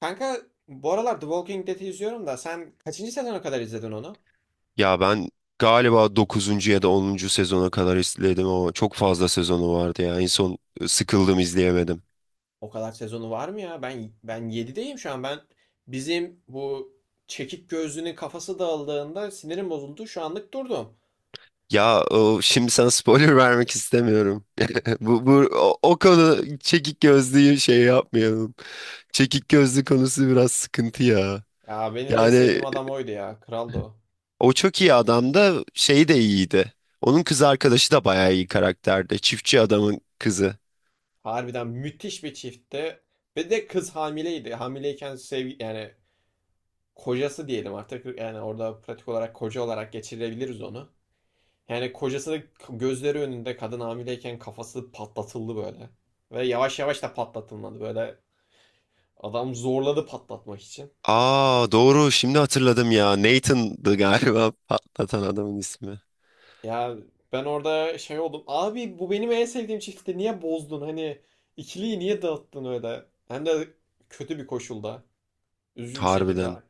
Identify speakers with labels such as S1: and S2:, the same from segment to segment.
S1: Kanka, bu aralar The Walking Dead'i izliyorum da sen kaçıncı sezona kadar izledin onu?
S2: Ya ben galiba dokuzuncu ya da onuncu sezona kadar izledim ama çok fazla sezonu vardı ya. En son sıkıldım izleyemedim.
S1: O kadar sezonu var mı ya? Ben 7'deyim şu an. Ben bizim bu çekik gözlünün kafası dağıldığında sinirim bozuldu. Şu anlık durdum.
S2: Ya o, şimdi sana spoiler vermek istemiyorum. Bu o konu çekik gözlüyü şey yapmayalım. Çekik gözlü konusu biraz sıkıntı ya.
S1: Ya benim en
S2: Yani
S1: sevdiğim adam oydu ya. Kraldı o.
S2: o çok iyi adam da şey de iyiydi. Onun kız arkadaşı da bayağı iyi karakterde, Çiftçi adamın kızı.
S1: Harbiden müthiş bir çiftti. Ve de kız hamileydi. Hamileyken sevgi, yani kocası diyelim artık. Yani orada pratik olarak koca olarak geçirebiliriz onu. Yani kocası da gözleri önünde, kadın hamileyken, kafası patlatıldı böyle. Ve yavaş yavaş da patlatılmadı böyle. Adam zorladı patlatmak için.
S2: Aa, doğru, şimdi hatırladım ya. Nathan'dı galiba patlatan adamın ismi.
S1: Ya ben orada şey oldum. Abi bu benim en sevdiğim çiftti. Niye bozdun? Hani ikiliyi niye dağıttın öyle? Hem de kötü bir koşulda. Üzücü bir şekilde.
S2: Harbiden.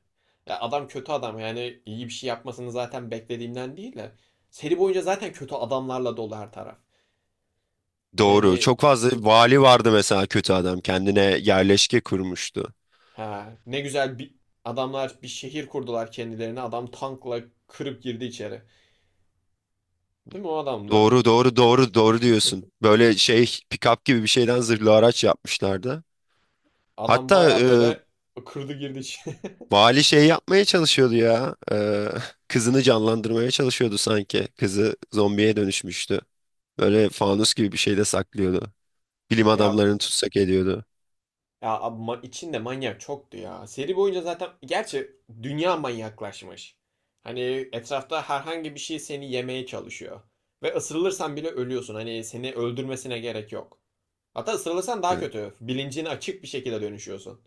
S1: Ya adam kötü adam. Yani iyi bir şey yapmasını zaten beklediğimden değil de. Seri boyunca zaten kötü adamlarla dolu her taraf.
S2: Doğru.
S1: Yani
S2: Çok fazla vali vardı mesela, kötü adam. Kendine yerleşke kurmuştu.
S1: ha, ne güzel bir adamlar bir şehir kurdular kendilerine. Adam tankla kırıp girdi içeri. Değil mi, o adamdı?
S2: Doğru doğru doğru doğru diyorsun. Böyle şey, pick-up gibi bir şeyden zırhlı araç yapmışlardı.
S1: Adam
S2: Hatta
S1: baya böyle kırdı girdi içeri.
S2: vali şey yapmaya çalışıyordu ya. E, kızını canlandırmaya çalışıyordu sanki. Kızı zombiye dönüşmüştü. Böyle fanus gibi bir şeyde saklıyordu. Bilim
S1: Ya
S2: adamlarını tutsak ediyordu.
S1: ya abi, içinde manyak çoktu ya. Seri boyunca zaten, gerçi dünya manyaklaşmış. Hani etrafta herhangi bir şey seni yemeye çalışıyor. Ve ısırılırsan bile ölüyorsun. Hani seni öldürmesine gerek yok. Hatta ısırılırsan daha
S2: Evet.
S1: kötü. Bilincini açık bir şekilde dönüşüyorsun.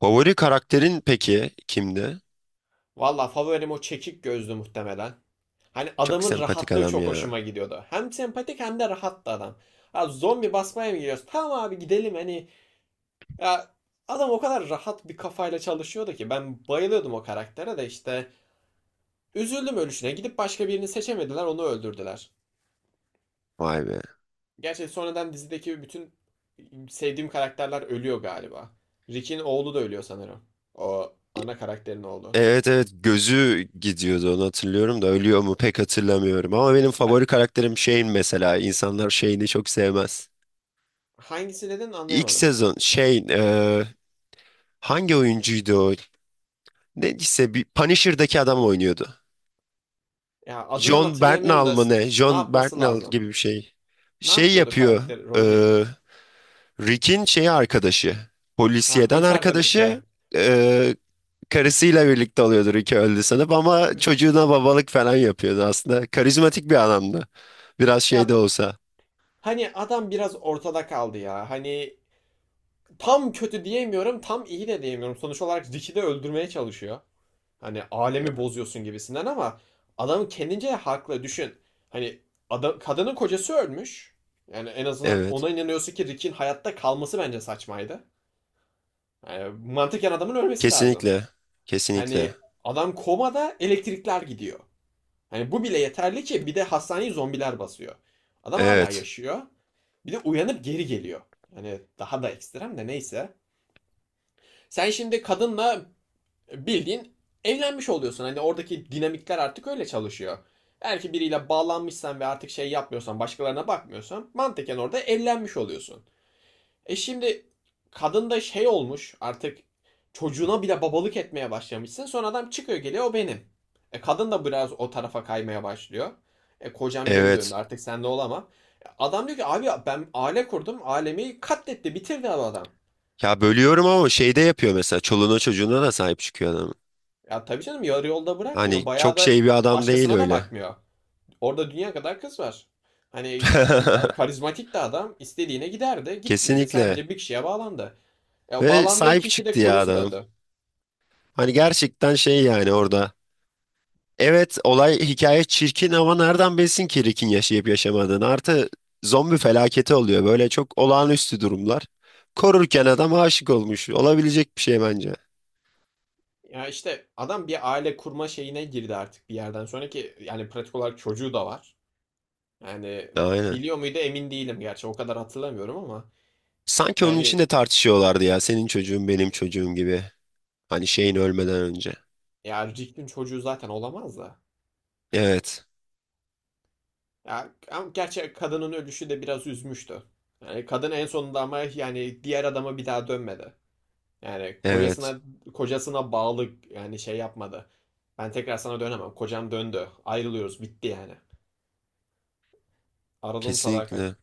S2: Favori karakterin peki kimdi?
S1: Valla favorim o çekik gözlü muhtemelen. Hani
S2: Çok
S1: adamın
S2: sempatik
S1: rahatlığı
S2: adam
S1: çok
S2: ya.
S1: hoşuma gidiyordu. Hem sempatik hem de rahattı adam. Ha, zombi basmaya mı gidiyoruz? Tamam abi, gidelim hani. Ya adam o kadar rahat bir kafayla çalışıyordu ki ben bayılıyordum o karaktere de işte. Üzüldüm ölüşüne. Gidip başka birini seçemediler, onu öldürdüler.
S2: Vay be.
S1: Gerçi sonradan dizideki bütün sevdiğim karakterler ölüyor galiba. Rick'in oğlu da ölüyor sanırım. O ana karakterin oğlu.
S2: Evet evet, gözü gidiyordu onu hatırlıyorum da ölüyor mu pek hatırlamıyorum. Ama benim
S1: Ben
S2: favori karakterim Shane mesela. İnsanlar Shane'i çok sevmez.
S1: hangisi dedin
S2: İlk
S1: anlayamadım.
S2: sezon şey, hangi oyuncuydu o? Neyse, bir Punisher'daki adam oynuyordu.
S1: Ya adından
S2: John
S1: hatırlayamıyorum
S2: Bernthal
S1: da
S2: mı ne?
S1: ne
S2: John
S1: yapması
S2: Bernthal
S1: lazım?
S2: gibi bir şey.
S1: Ne
S2: Şey
S1: yapıyordu
S2: yapıyor.
S1: karakter?
S2: E,
S1: Rolü neydi?
S2: Rick'in şeyi, arkadaşı.
S1: Ha,
S2: Polisiyeden
S1: polis arkadaşı
S2: arkadaşı.
S1: ya.
S2: E, karısıyla birlikte oluyordu, Rick öldü sanıp, ama
S1: Ee,
S2: çocuğuna babalık falan yapıyordu aslında. Karizmatik bir adamdı. Biraz şey de
S1: Ya
S2: olsa.
S1: hani adam biraz ortada kaldı ya. Hani tam kötü diyemiyorum, tam iyi de diyemiyorum. Sonuç olarak Rick'i de öldürmeye çalışıyor. Hani alemi bozuyorsun gibisinden, ama adam kendince haklı. Düşün. Hani adam, kadının kocası ölmüş. Yani en azından
S2: Evet.
S1: ona inanıyorsun ki Rick'in hayatta kalması bence saçmaydı. Yani mantıken adamın ölmesi lazım.
S2: Kesinlikle. Kesinlikle.
S1: Hani adam komada, elektrikler gidiyor. Hani bu bile yeterli, ki bir de hastaneyi zombiler basıyor. Adam hala
S2: Evet.
S1: yaşıyor. Bir de uyanıp geri geliyor. Hani daha da ekstrem de neyse. Sen şimdi kadınla bildiğin evlenmiş oluyorsun. Hani oradaki dinamikler artık öyle çalışıyor. Eğer ki biriyle bağlanmışsan ve artık şey yapmıyorsan, başkalarına bakmıyorsan, mantıken orada evlenmiş oluyorsun. E şimdi kadın da şey olmuş artık, çocuğuna bile babalık etmeye başlamışsın. Sonra adam çıkıyor geliyor, o benim. E kadın da biraz o tarafa kaymaya başlıyor. E kocam geri döndü,
S2: Evet.
S1: artık sende olamam. Adam diyor ki abi ben aile kurdum. Ailemi katletti bitirdi adam.
S2: Ya, bölüyorum ama şeyde yapıyor mesela. Çoluğuna çocuğuna da sahip çıkıyor adam.
S1: Ya tabii canım, yarı yolda bırakmıyor.
S2: Hani
S1: Bayağı
S2: çok
S1: da
S2: şey bir adam değil
S1: başkasına da
S2: öyle.
S1: bakmıyor. Orada dünya kadar kız var. Hani karizmatik de adam, istediğine giderdi. Gitmedi,
S2: Kesinlikle.
S1: sadece bir kişiye bağlandı. Ya
S2: Ve
S1: bağlandığı
S2: sahip
S1: kişi
S2: çıktı
S1: de,
S2: ya
S1: kocası
S2: adam.
S1: döndü.
S2: Hani gerçekten şey, yani orada. Evet, olay hikaye çirkin ama nereden bilsin ki Rick'in yaşayıp yaşamadığını. Artı, zombi felaketi oluyor. Böyle çok olağanüstü durumlar. Korurken adam aşık olmuş. Olabilecek bir şey bence.
S1: Ya işte adam bir aile kurma şeyine girdi artık bir yerden sonraki, yani pratik olarak çocuğu da var. Yani
S2: Aynen.
S1: biliyor muydu emin değilim, gerçi o kadar hatırlamıyorum ama
S2: Sanki onun için
S1: yani
S2: de tartışıyorlardı ya. Senin çocuğun, benim çocuğum gibi. Hani şeyin ölmeden önce.
S1: ya Rick'in çocuğu zaten olamaz da.
S2: Evet.
S1: Ya ama gerçi kadının ölüşü de biraz üzmüştü. Yani kadın en sonunda, ama yani diğer adama bir daha dönmedi. Yani
S2: Evet,
S1: kocasına bağlı, yani şey yapmadı. Ben tekrar sana dönemem. Kocam döndü. Ayrılıyoruz. Bitti yani. Aradığım sadakat.
S2: kesinlikle.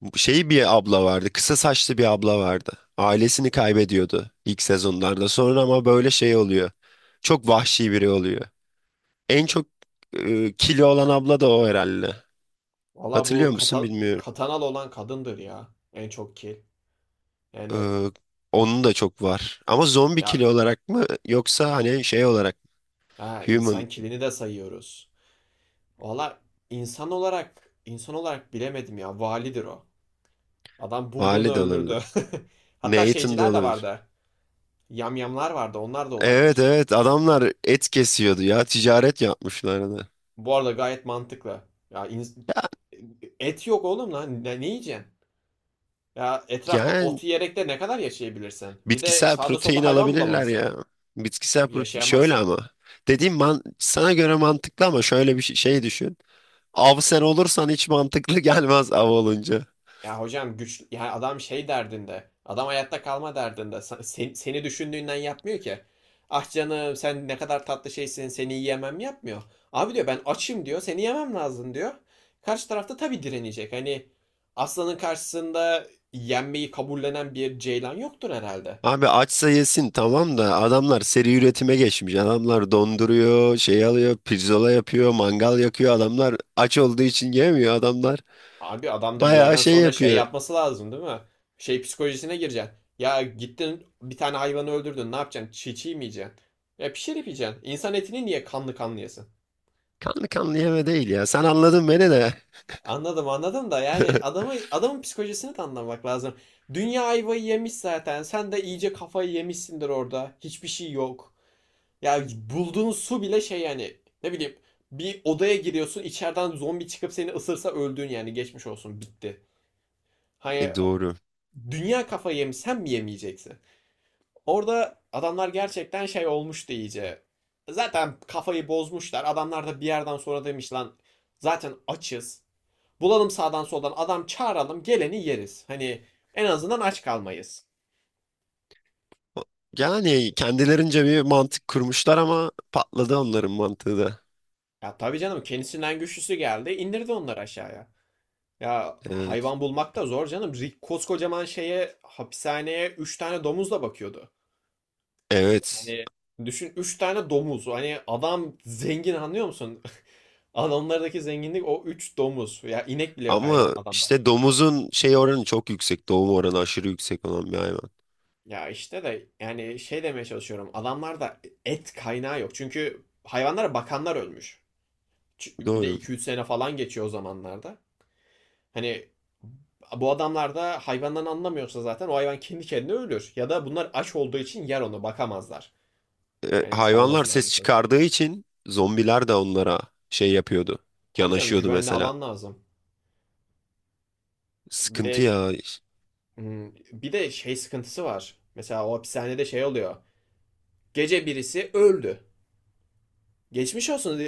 S2: Bu şey, bir abla vardı, kısa saçlı bir abla vardı. Ailesini kaybediyordu ilk sezonlarda. Sonra ama böyle şey oluyor. Çok vahşi biri oluyor. En çok kilo olan abla da o herhalde.
S1: Valla
S2: Hatırlıyor
S1: bu
S2: musun bilmiyorum.
S1: katanalı olan kadındır ya. En çok kil. Yani
S2: Ee, onun da çok var. Ama zombi
S1: ya
S2: kilo olarak mı yoksa hani şey olarak mı?
S1: ha,
S2: Human.
S1: insan kilini de sayıyoruz. Valla insan olarak bilemedim ya. Validir o. Adam
S2: Vali
S1: bulduğunu
S2: de
S1: öldürdü.
S2: olabilir.
S1: Hatta
S2: Nathan da
S1: şeyciler de
S2: olabilir.
S1: vardı. Yamyamlar vardı. Onlar da
S2: Evet
S1: olabilir.
S2: evet, adamlar et kesiyordu ya, ticaret yapmışlardı.
S1: Bu arada gayet mantıklı. Ya
S2: Ya,
S1: et yok oğlum lan. Ne yiyeceksin? Ya etrafta ot
S2: yani
S1: yiyerek de ne kadar yaşayabilirsin? Bir de
S2: bitkisel
S1: sağda
S2: protein
S1: solda hayvan
S2: alabilirler
S1: bulamamışsın.
S2: ya.
S1: Cık,
S2: Bitkisel protein şöyle
S1: yaşayamazsın.
S2: ama. Dediğim man sana göre mantıklı ama şöyle bir şey, şey düşün. Av sen olursan hiç mantıklı gelmez av olunca.
S1: Ya hocam, güç, yani adam şey derdinde. Adam hayatta kalma derdinde. Seni düşündüğünden yapmıyor ki. Ah canım, sen ne kadar tatlı şeysin, seni yiyemem yapmıyor. Abi diyor, ben açım diyor, seni yemem lazım diyor. Karşı tarafta tabii direnecek. Hani aslanın karşısında yenmeyi kabullenen bir ceylan yoktur herhalde.
S2: Abi açsa yesin tamam da adamlar seri üretime geçmiş. Adamlar donduruyor, şey alıyor, pirzola yapıyor, mangal yakıyor. Adamlar aç olduğu için yemiyor adamlar.
S1: Abi adam da bir
S2: Bayağı
S1: yerden
S2: şey
S1: sonra şey
S2: yapıyor.
S1: yapması lazım, değil mi? Şey psikolojisine gireceksin. Ya gittin bir tane hayvanı öldürdün, ne yapacaksın? Çiğ çiğ mi yiyeceksin? Ya pişirip yiyeceksin. İnsan etini niye kanlı kanlı yesin?
S2: Kanlı kanlı yeme değil ya. Sen anladın beni de.
S1: Anladım anladım da, yani adamı, adamın psikolojisini de anlamak lazım. Dünya ayvayı yemiş zaten. Sen de iyice kafayı yemişsindir orada. Hiçbir şey yok. Ya bulduğun su bile şey, yani ne bileyim, bir odaya giriyorsun, içeriden zombi çıkıp seni ısırsa öldün yani, geçmiş olsun, bitti. Hani
S2: Doğru.
S1: dünya kafayı yemiş, sen mi yemeyeceksin? Orada adamlar gerçekten şey olmuştu iyice. Zaten kafayı bozmuşlar. Adamlar da bir yerden sonra demiş lan zaten açız. Bulalım sağdan soldan adam, çağıralım geleni yeriz. Hani en azından aç kalmayız.
S2: Yani kendilerince bir mantık kurmuşlar ama patladı onların mantığı da.
S1: Ya tabii canım, kendisinden güçlüsü geldi indirdi onları aşağıya. Ya
S2: Evet.
S1: hayvan bulmak da zor canım. Rick koskocaman şeye, hapishaneye, 3 tane domuzla bakıyordu.
S2: Evet.
S1: Hani düşün, 3 tane domuz. Hani adam zengin, anlıyor musun? Adamlardaki zenginlik o 3 domuz. Ya inek bile yok hayvan
S2: Ama
S1: adamda.
S2: işte domuzun şey oranı çok yüksek. Doğum oranı aşırı yüksek olan bir hayvan.
S1: Ya işte de yani şey demeye çalışıyorum. Adamlarda et kaynağı yok. Çünkü hayvanlara bakanlar ölmüş. Bir de
S2: Doğru.
S1: iki üç sene falan geçiyor o zamanlarda. Hani bu adamlar da hayvandan anlamıyorsa zaten o hayvan kendi kendine ölür. Ya da bunlar aç olduğu için yer onu, bakamazlar. Yani
S2: Hayvanlar
S1: çoğalması lazım
S2: ses
S1: sonuçta.
S2: çıkardığı için zombiler de onlara şey yapıyordu.
S1: Tabii canım,
S2: Yanaşıyordu
S1: güvenli
S2: mesela.
S1: alan lazım. Bir de
S2: Sıkıntı ya.
S1: bir de şey sıkıntısı var. Mesela o hapishanede şey oluyor. Gece birisi öldü. Geçmiş olsun.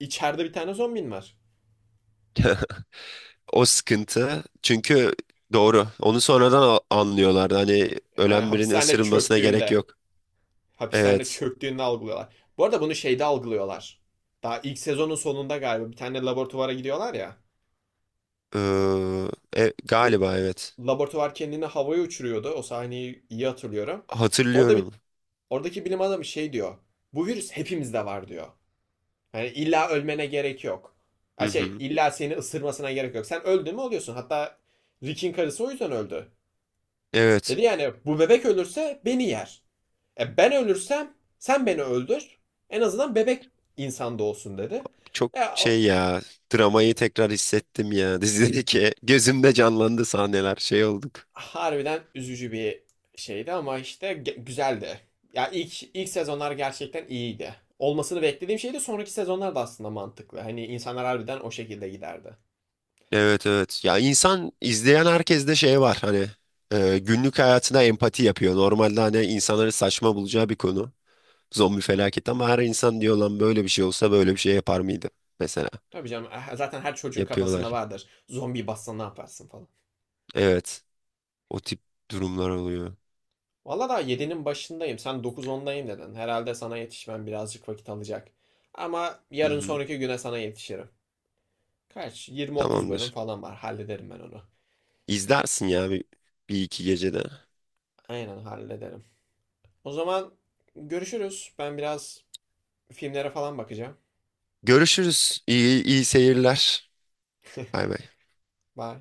S1: İçeride bir tane zombin var.
S2: O sıkıntı. Çünkü doğru. Onu sonradan anlıyorlardı. Hani
S1: Yani
S2: ölen birinin
S1: hapishane
S2: ısırılmasına gerek
S1: çöktüğünde,
S2: yok.
S1: hapishanede
S2: Evet.
S1: çöktüğünde algılıyorlar. Bu arada bunu şeyde algılıyorlar. Daha ilk sezonun sonunda galiba bir tane laboratuvara gidiyorlar ya.
S2: Ee,
S1: Bu
S2: galiba evet.
S1: laboratuvar kendini havaya uçuruyordu. O sahneyi iyi hatırlıyorum. Orada bir
S2: Hatırlıyorum.
S1: oradaki bilim adamı şey diyor. Bu virüs hepimizde var diyor. Yani illa ölmene gerek yok.
S2: Hı
S1: Ha şey,
S2: hı.
S1: illa seni ısırmasına gerek yok. Sen öldün mü oluyorsun. Hatta Rick'in karısı o yüzden öldü. Dedi
S2: Evet.
S1: yani bu bebek ölürse beni yer. E ben ölürsem sen beni öldür. En azından bebek insan doğsun dedi.
S2: Çok
S1: Ya o
S2: şey ya, dramayı tekrar hissettim ya, dizideki gözümde canlandı sahneler, şey olduk.
S1: harbiden üzücü bir şeydi, ama işte güzeldi. Ya ilk sezonlar gerçekten iyiydi. Olmasını beklediğim şeydi. Sonraki sezonlar da aslında mantıklı. Hani insanlar harbiden o şekilde giderdi.
S2: Evet evet, ya insan izleyen herkeste şey var, hani günlük hayatına empati yapıyor. Normalde hani insanların saçma bulacağı bir konu, zombi felaketi, ama her insan diyor lan, böyle bir şey olsa böyle bir şey yapar mıydı mesela,
S1: Tabii canım, eh, zaten her çocuğun kafasında
S2: yapıyorlar.
S1: vardır. Zombi bassa ne yaparsın falan.
S2: Evet, o tip durumlar oluyor.
S1: Valla daha yedi'nin başındayım. Sen dokuz ondayım dedin. Herhalde sana yetişmem birazcık vakit alacak. Ama
S2: Hı
S1: yarın
S2: hı.
S1: sonraki güne sana yetişirim. Kaç? 20-30 bölüm
S2: Tamamdır,
S1: falan var. Hallederim ben onu.
S2: izlersin ya bir iki gecede.
S1: Aynen hallederim. O zaman görüşürüz. Ben biraz filmlere falan bakacağım.
S2: Görüşürüz, iyi seyirler. Bay bay.
S1: Bye.